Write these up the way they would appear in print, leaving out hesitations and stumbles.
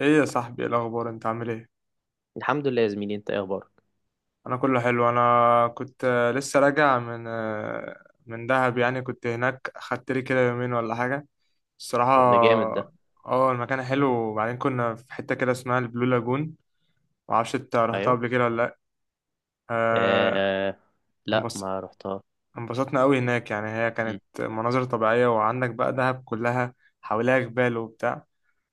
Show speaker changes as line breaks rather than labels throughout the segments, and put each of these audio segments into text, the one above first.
ايه يا صاحبي، ايه الاخبار؟ انت عامل ايه؟
الحمد لله يا زميلي، انت ايه اخبارك؟
انا كله حلو. انا كنت لسه راجع من دهب، يعني كنت هناك، خدت لي كده يومين ولا حاجه، الصراحه.
طب ده جامد ده.
اه، المكان حلو، وبعدين كنا في حته كده اسمها البلو لاجون. معرفش، انت رحتها
ايوه.
قبل كده ولا لا؟ آه،
آه. لا،
انبسط
ما رحتها.
انبسطنا قوي هناك، يعني هي
مم.
كانت مناظر طبيعيه، وعندك بقى دهب كلها حواليها جبال وبتاع.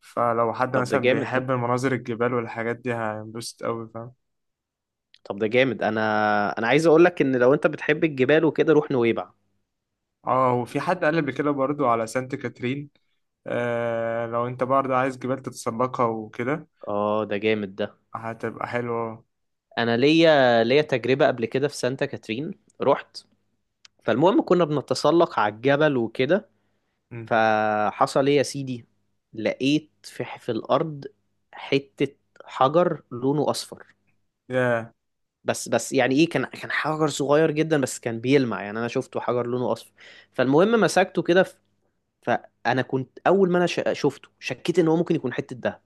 فلو حد
طب ده
مثلا
جامد ده.
بيحب المناظر، الجبال والحاجات دي، هينبسط قوي.
طب ده جامد انا انا عايز اقول لك ان لو انت بتحب الجبال وكده روح نويبع.
اه، وفي حد قال قبل كده برضو على سانت كاترين. آه، لو انت برضو عايز جبال تتسلقها وكده،
اه، ده جامد ده.
هتبقى حلوة.
انا ليا تجربة قبل كده في سانتا كاترين. رحت، فالمهم كنا بنتسلق على الجبل وكده.
مم.
فحصل ايه يا سيدي؟ لقيت في الارض حتة حجر لونه اصفر.
ياه.
بس يعني ايه، كان حجر صغير جدا بس كان بيلمع، يعني انا شفته حجر لونه اصفر. فالمهم مسكته كده فانا كنت اول ما انا شفته شكيت ان هو ممكن يكون حته دهب.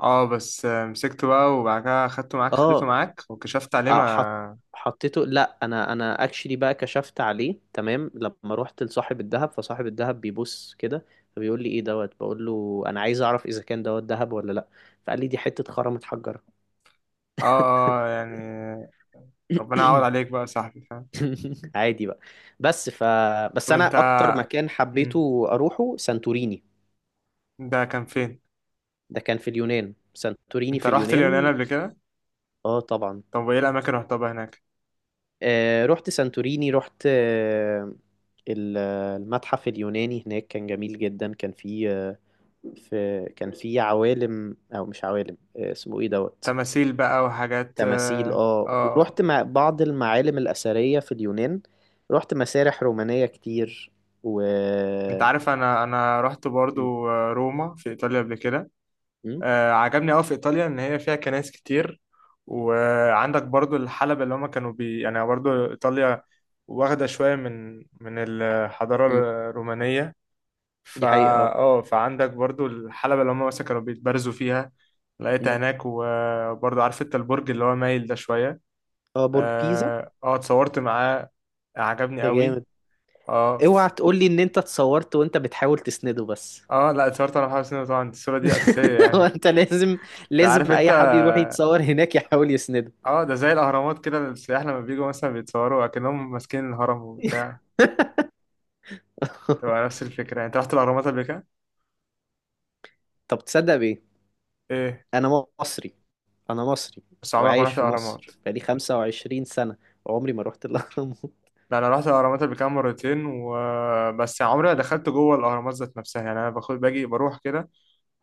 اه، بس مسكته بقى، وبعد كده خدته معاك،
اه.
خليته معاك، وكشفت عليه،
آه، حط
ما.
حطيته. لا، انا اكشلي بقى كشفت عليه تمام لما رحت لصاحب الذهب، فصاحب الذهب بيبص كده، فبيقول لي ايه دوت، بقول له انا عايز اعرف اذا كان دوت ذهب ولا لا. فقال لي دي حته خرم اتحجرت.
اه، اه، يعني ربنا يعوض عليك بقى يا صاحبي، فاهم؟
عادي بقى. بس ف بس
طب
انا
انت
اكتر مكان
مم.
حبيته اروحه سانتوريني.
ده كان فين؟
ده كان في اليونان، سانتوريني
انت
في
رحت اليونان
اليونان.
قبل كده؟
اه، طبعا.
طب وايه الاماكن اللي رحتها بقى هناك؟
رحت سانتوريني، رحت آه المتحف اليوناني هناك كان جميل جدا، كان فيه آه، في كان فيه عوالم، او مش عوالم، اسمه ايه دوت.
تماثيل بقى وحاجات،
تماثيل،
اه. آه.
ورحت مع بعض المعالم الأثرية في اليونان. رحت مسارح رومانية كتير و
انت عارف، انا رحت
م-
برضو روما في ايطاليا قبل كده.
م-
عجبني قوي في ايطاليا ان هي فيها كنائس كتير. وعندك برضو الحلبة اللي هما كانوا يعني، برضو ايطاليا واخده شويه من الحضاره الرومانيه فا
دي حقيقة. اه
اه، فعندك برضو الحلبة اللي هما مثلا كانوا بيتبارزوا فيها لقيتها
مم.
هناك. وبرضو عارف انت البرج اللي هو مايل ده شويه.
اه، برج بيزا.
اه، اتصورت معاه، عجبني
ده
قوي.
جامد.
اه،
اوعى تقول لي ان انت اتصورت وانت بتحاول تسنده بس.
اه، لا، اتصورت انا وحسن، طبعا الصوره دي اساسيه،
هو
يعني.
انت لازم،
ده عارف
لازم
انت.
اي حد يروح يتصور هناك يحاول يسنده.
اه، ده زي الاهرامات كده، السياح لما بيجوا مثلا بيتصوروا اكنهم ماسكين الهرم وبتاع، تبقى نفس الفكره. يعني انت رحت الاهرامات قبل كده؟
طب تصدق بيه؟
ايه.
انا مصري، انا مصري،
بس عمرك ما
وعايش
رحت
في
الاهرامات.
مصر بقالي 25 سنة وعمري ما رحت الاهرامات.
لا، انا رحت الاهرامات قبل كده مرتين، وبس عمري ما
مم.
دخلت جوه الاهرامات ذات نفسها، يعني انا باجي بروح كده،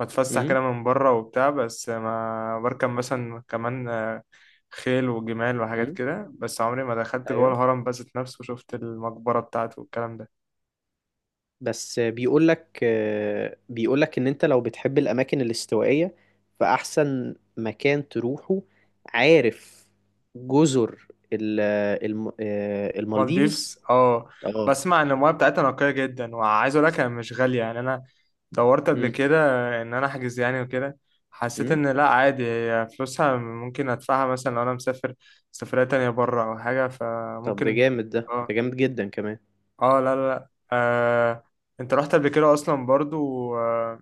بتفسح
مم.
كده من بره وبتاع، بس ما بركب مثلا كمان خيل وجمال وحاجات
مم.
كده، بس عمري ما دخلت جوه الهرم بس ذات نفسه وشفت المقبره بتاعته والكلام ده.
بس بيقول لك ان انت لو بتحب الاماكن الاستوائيه فاحسن مكان تروحه، عارف، جزر المالديفز.
مالديفز، اه.
اه.
بسمع ان المياه بتاعتها نقية جدا، وعايز اقول لك هي مش غالية، يعني انا دورت قبل
امم.
كده ان انا احجز يعني وكده، حسيت
امم.
ان لا، عادي، هي فلوسها ممكن ادفعها مثلا لو انا مسافر سفرية تانية بره او حاجة،
طب ده
فممكن.
جامد ده
اه،
جامد جدا كمان.
اه، لا، لا، لا، آه. انت رحت قبل كده اصلا برضو، آه؟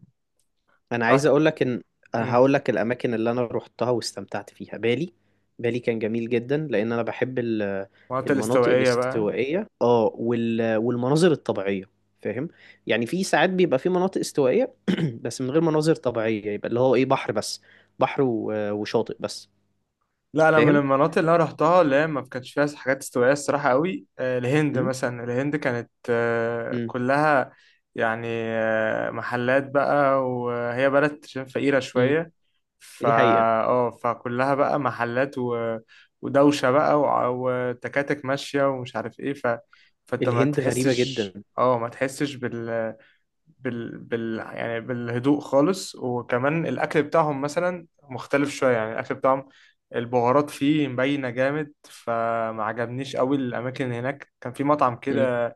انا عايز
رحت.
اقول لك ان،
مم.
هقول لك الاماكن اللي انا روحتها واستمتعت فيها: بالي. بالي كان جميل جدا لان انا بحب
مناطق
المناطق
الاستوائية بقى.
الاستوائيه، والمناظر الطبيعيه. فاهم؟ يعني في ساعات بيبقى في مناطق استوائيه بس من غير مناظر طبيعيه، يبقى اللي هو ايه، بحر بس، بحر وشاطئ بس.
لا، انا من
فاهم؟
المناطق اللي انا رحتها اللي هي ما كانش فيها حاجات استوائيه الصراحه قوي، الهند
امم.
مثلا، الهند كانت
امم.
كلها، يعني محلات بقى، وهي بلد عشان فقيره
امم.
شويه فا
دي حقيقه.
اه، فكلها بقى محلات، و... ودوشه بقى، وتكاتك ماشيه ومش عارف ايه. ف... فانت ما
الهند غريبه
تحسش
جدا.
اه ما تحسش يعني بالهدوء خالص، وكمان الأكل بتاعهم مثلا مختلف شوية، يعني الأكل بتاعهم البهارات فيه مبينة جامد، فما عجبنيش قوي الأماكن. هناك كان في مطعم
امم.
كده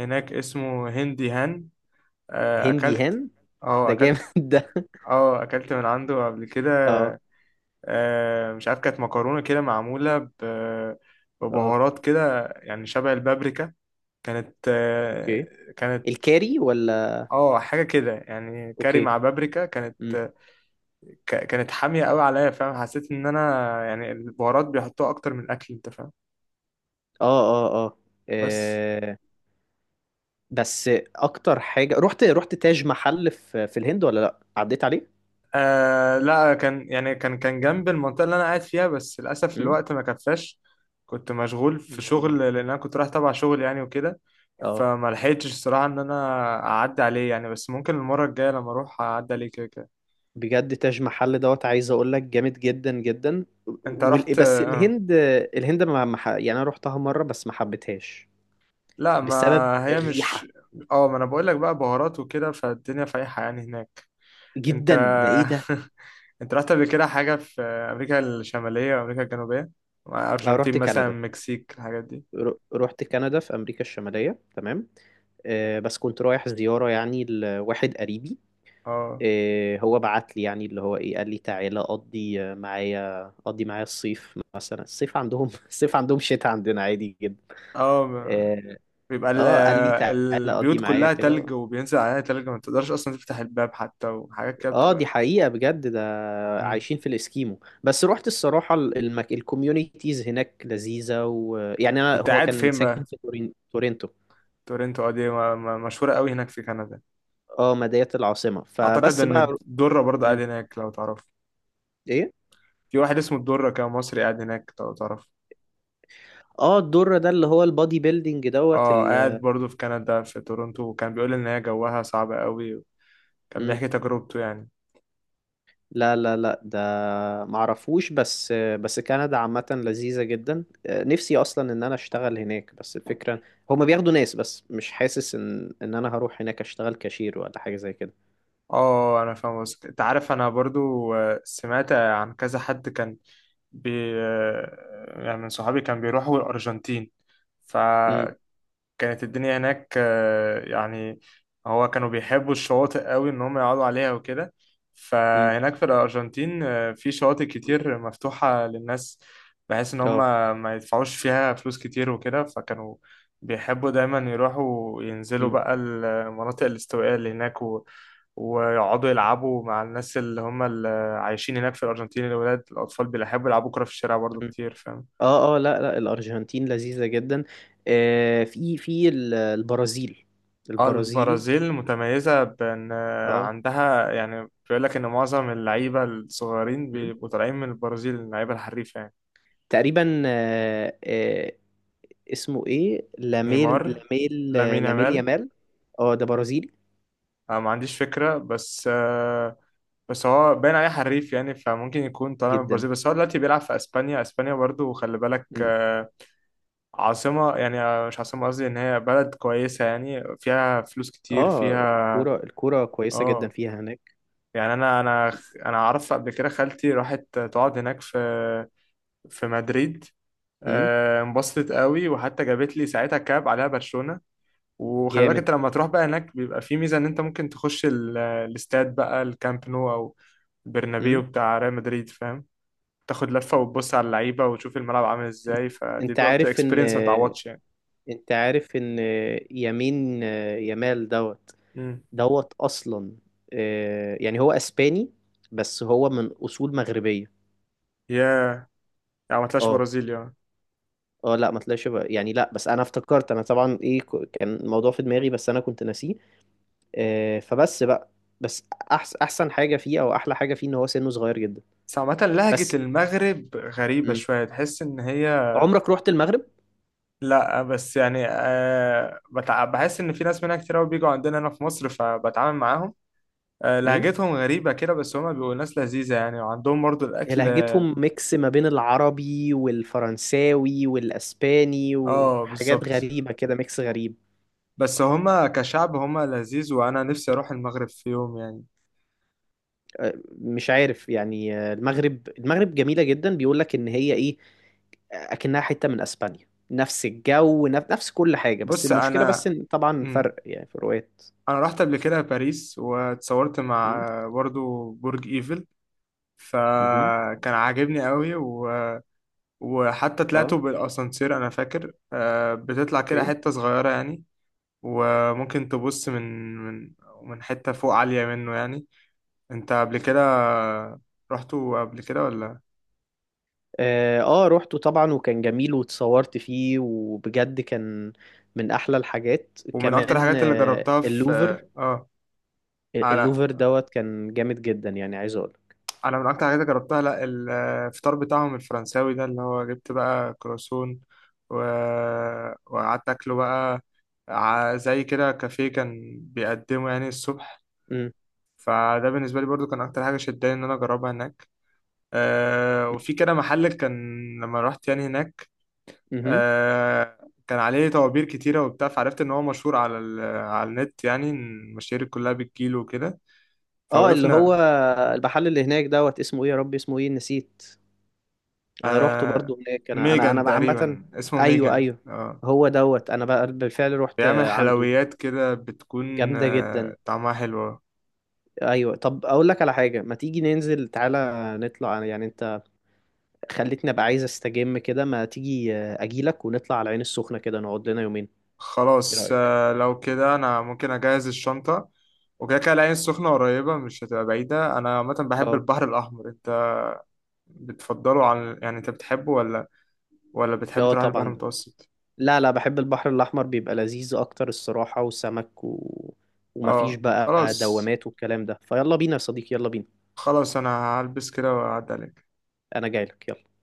هناك اسمه هندي هان،
هندي
أكلت.
هان.
اه،
ده جامد.
أكلت.
ده
اه، أكلت من عنده قبل كده.
اه.
مش عارف كانت مكرونة كده معمولة
اه.
ببهارات كده، يعني شبه البابريكا، كانت
اوكي.
آه، كانت
الكاري ولا؟
اه، حاجة كده يعني، كاري
اوكي.
مع بابريكا كانت.
إمم.
كانت حامية قوي عليا، فاهم؟ حسيت ان انا يعني البهارات بيحطوها اكتر من الاكل، انت فاهم؟
اه اه اه
بس.
آه، بس اكتر حاجه، رحت تاج محل في الهند، ولا لا، عديت عليه.
لا، كان يعني كان جنب المنطقة اللي انا قاعد فيها، بس للاسف
امم.
الوقت ما كفاش، كنت مشغول في شغل،
مم.
لان انا كنت رايح تبع شغل يعني وكده.
اه،
فما لحقتش الصراحة ان انا اعدي عليه يعني، بس ممكن المرة الجاية لما اروح اعدي عليه كده كده.
بجد تاج محل دوت عايز اقول لك جامد جدا جدا.
انت رحت
بس الهند، الهند ما ما ح- يعني انا رحتها مره بس ما حبيتهاش
لا، ما
بسبب
هي مش
الريحه.
اه ما انا بقول لك بقى بهارات وكده، فالدنيا فايحة يعني هناك. انت
جدا، ده ايه ده.
انت رحت قبل كده حاجة في أمريكا الشمالية وأمريكا الجنوبية، مع
اه،
أرجنتين
رحت
مثلا،
كندا.
مكسيك، الحاجات دي؟
رحت كندا في امريكا الشماليه، تمام. آه، بس كنت رايح زياره يعني لواحد قريبي.
اه،
إيه، هو بعت لي يعني اللي هو ايه، قال لي تعالى قضي معايا، قضي معايا الصيف، مثلا الصيف عندهم الصيف عندهم شتاء عندنا عادي جدا.
اه،
إيه.
بيبقى
اه، قال لي تعالى قضي
البيوت
معايا
كلها
كده.
تلج، وبينزل عليها تلج، ما تقدرش أصلا تفتح الباب حتى، وحاجات كده
اه، دي
بتبقى.
حقيقة بجد ده.
مم.
عايشين في الاسكيمو. بس رحت الصراحة، الكوميونيتيز هناك لذيذة، ويعني انا
كنت
هو
قاعد
كان
فين
ساكن
بقى؟
في تورنتو.
تورنتو، اه، دي مشهورة قوي هناك في كندا.
اه، مدينة العاصمة،
أعتقد
فبس
إن
بقى.
الدرة برضه قاعد
مم.
هناك، لو تعرف.
ايه.
في واحد اسمه الدرة، كان مصري قاعد هناك، لو تعرف.
اه، الدور ده اللي هو البادي بيلدينج دوت
اه، قاعد برضه في كندا في تورنتو، وكان بيقول إن هي جوها صعب قوي، كان
مم.
بيحكي تجربته يعني.
لا، لا، لا، ده معرفوش. بس كندا عامة لذيذة جدا، آه، نفسي أصلا إن أنا أشتغل هناك، بس الفكرة هما بياخدوا ناس بس مش حاسس إن أنا هروح هناك أشتغل كاشير ولا حاجة زي كده.
اه، انا فاهم قصدك. انت عارف، انا برضو سمعت عن كذا حد كان بي آه، يعني من صحابي كان بيروحوا الارجنتين،
أمم.
فكان، كانت الدنيا هناك يعني، هو كانوا بيحبوا الشواطئ قوي ان هم يقعدوا عليها وكده.
أمم.
فهناك في الارجنتين في شواطئ كتير مفتوحة للناس، بحيث ان هم
أه.
ما يدفعوش فيها فلوس كتير وكده. فكانوا بيحبوا دايما يروحوا ينزلوا
أمم.
بقى المناطق الاستوائية اللي هناك، و... ويقعدوا يلعبوا مع الناس اللي هم اللي عايشين هناك في الأرجنتين. الولاد، الأطفال بيحبوا يلعبوا كرة في الشارع برضو
أمم.
كتير، فاهم؟
أه، أه. لا، لا، الأرجنتين لذيذة جدا. في البرازيل.
اه،
البرازيل.
البرازيل متميزة بأن
أه.
عندها يعني، بيقول لك إن معظم اللعيبة الصغيرين
أمم.
بيبقوا طالعين من البرازيل، اللعيبة الحريفة يعني.
تقريبا، اسمه إيه، لاميل
نيمار.
لاميل
لامين
لاميل
يامال.
يامال. أه، ده برازيلي
أنا ما عنديش فكرة، بس بس هو باين عليه حريف، يعني فممكن يكون طالع من
جدا.
البرازيل. بس هو دلوقتي بيلعب في أسبانيا، أسبانيا برضو خلي بالك
مم.
عاصمة يعني، مش عاصمة، قصدي إن هي بلد كويسة، يعني فيها فلوس كتير
اه،
فيها.
الكورة كويسة جدا
اه،
فيها هناك.
يعني انا انا اعرف قبل كده خالتي راحت تقعد هناك في مدريد،
مم.
انبسطت قوي، وحتى جابت لي ساعتها كاب عليها برشلونة. وخلي بالك
جامد.
انت لما تروح بقى هناك بيبقى في ميزة ان انت ممكن تخش الاستاد بقى، الكامب نو او برنابيو
مم.
بتاع ريال مدريد، فاهم؟ تاخد لفة وتبص على اللعيبة وتشوف الملعب عامل
انت
ازاي، فدي
أنت
برضه
عارف ان
اكسبيرينس ما تعوضش يعني.
انت عارف ان يمين يمال دوت،
امم
دوت اصلا، آه، يعني هو اسباني بس هو من اصول مغربية.
يا يعني ما طلعش
اه.
برازيل يعني.
اه، لا، ما طلعش يعني، لا، بس انا افتكرت، انا طبعا ايه، كان الموضوع في دماغي بس انا كنت ناسيه. آه، فبس بقى. بس احسن حاجة فيه او احلى حاجة فيه ان هو سنه صغير جدا.
بس عامة لهجة
بس.
المغرب غريبة
مم.
شوية، تحس ان هي.
عمرك رحت المغرب؟
لا، بس يعني، بحس ان في ناس منها كتير قوي بيجوا عندنا هنا في مصر، فبتعامل معاهم، لهجتهم غريبة كده، بس هما بيبقوا ناس لذيذة يعني، وعندهم برضو
هي
الأكل.
لهجتهم ميكس ما بين العربي والفرنساوي والاسباني
اه،
وحاجات
بالظبط.
غريبه كده، ميكس غريب.
بس هما كشعب هما لذيذ، وأنا نفسي أروح المغرب في يوم يعني.
أه، مش عارف يعني، أه، المغرب، جميله جدا، بيقول لك ان هي ايه اكنها حته من اسبانيا، نفس الجو، نفس كل حاجه، بس
بص،
المشكله، بس ان طبعا
مم.
فرق يعني، فروقات.
أنا رحت قبل كده باريس، واتصورت مع
م-
برضو برج إيفل،
مهم.
فكان عاجبني قوي، و... وحتى
اه،
طلعته بالأسانسير. أنا فاكر بتطلع كده
اوكي.
حتة صغيرة يعني، وممكن تبص من حتة فوق عالية منه يعني. انت قبل كده رحتوا قبل كده ولا؟
روحته طبعا وكان جميل واتصورت فيه وبجد كان من احلى الحاجات
ومن اكتر
كمان،
الحاجات اللي
آه،
جربتها في،
اللوفر.
على
اللوفر دوت كان جامد جدا، يعني عايز اقول.
على من اكتر الحاجات اللي جربتها، لا الفطار بتاعهم الفرنساوي ده اللي هو، جبت بقى كروسون، و... وقعدت اكله بقى، زي كده كافيه كان بيقدمه يعني الصبح.
امم.
فده بالنسبه لي برضو كان اكتر حاجه شداني ان انا اجربها هناك. وفي كده محل، كان لما رحت يعني هناك
امم.
آه كان عليه طوابير كتيرة وبتاع، فعرفت إن هو مشهور على النت، يعني إن المشاهير كلها بتجيله وكده،
اه، اللي هو
فوقفنا.
المحل اللي هناك دوت اسمه ايه، يا ربي اسمه ايه، نسيت. انا روحته
آه
برضو هناك، انا انا
ميجان
انا عامه.
تقريبا، اسمه
ايوه،
ميجان،
ايوه.
اه.
هو دوت انا بقى بالفعل رحت
بيعمل
عنده.
حلويات كده، بتكون
جامده جدا.
طعمها حلوة.
ايوه، طب اقول لك على حاجه، ما تيجي ننزل، تعالى نطلع، يعني انت خليتني ابقى عايز استجم كده. ما تيجي اجيلك ونطلع على العين السخنه كده، نقعد لنا يومين. ايه
خلاص،
رايك؟
لو كده أنا ممكن أجهز الشنطة. وكده كده العين السخنة قريبة، مش هتبقى بعيدة. أنا عامة بحب
اه.
البحر الأحمر، أنت بتفضله؟ عن يعني، أنت بتحبه ولا، ولا بتحب
اه،
تروح البحر
طبعا.
المتوسط؟
لا، لا، بحب البحر الأحمر، بيبقى لذيذ أكتر الصراحة، وسمك ومفيش
اه،
بقى
خلاص.
دوامات والكلام ده. فيلا بينا يا صديقي، يلا بينا.
خلاص، انا هلبس كده واعدي عليك.
أنا جايلك، يلا.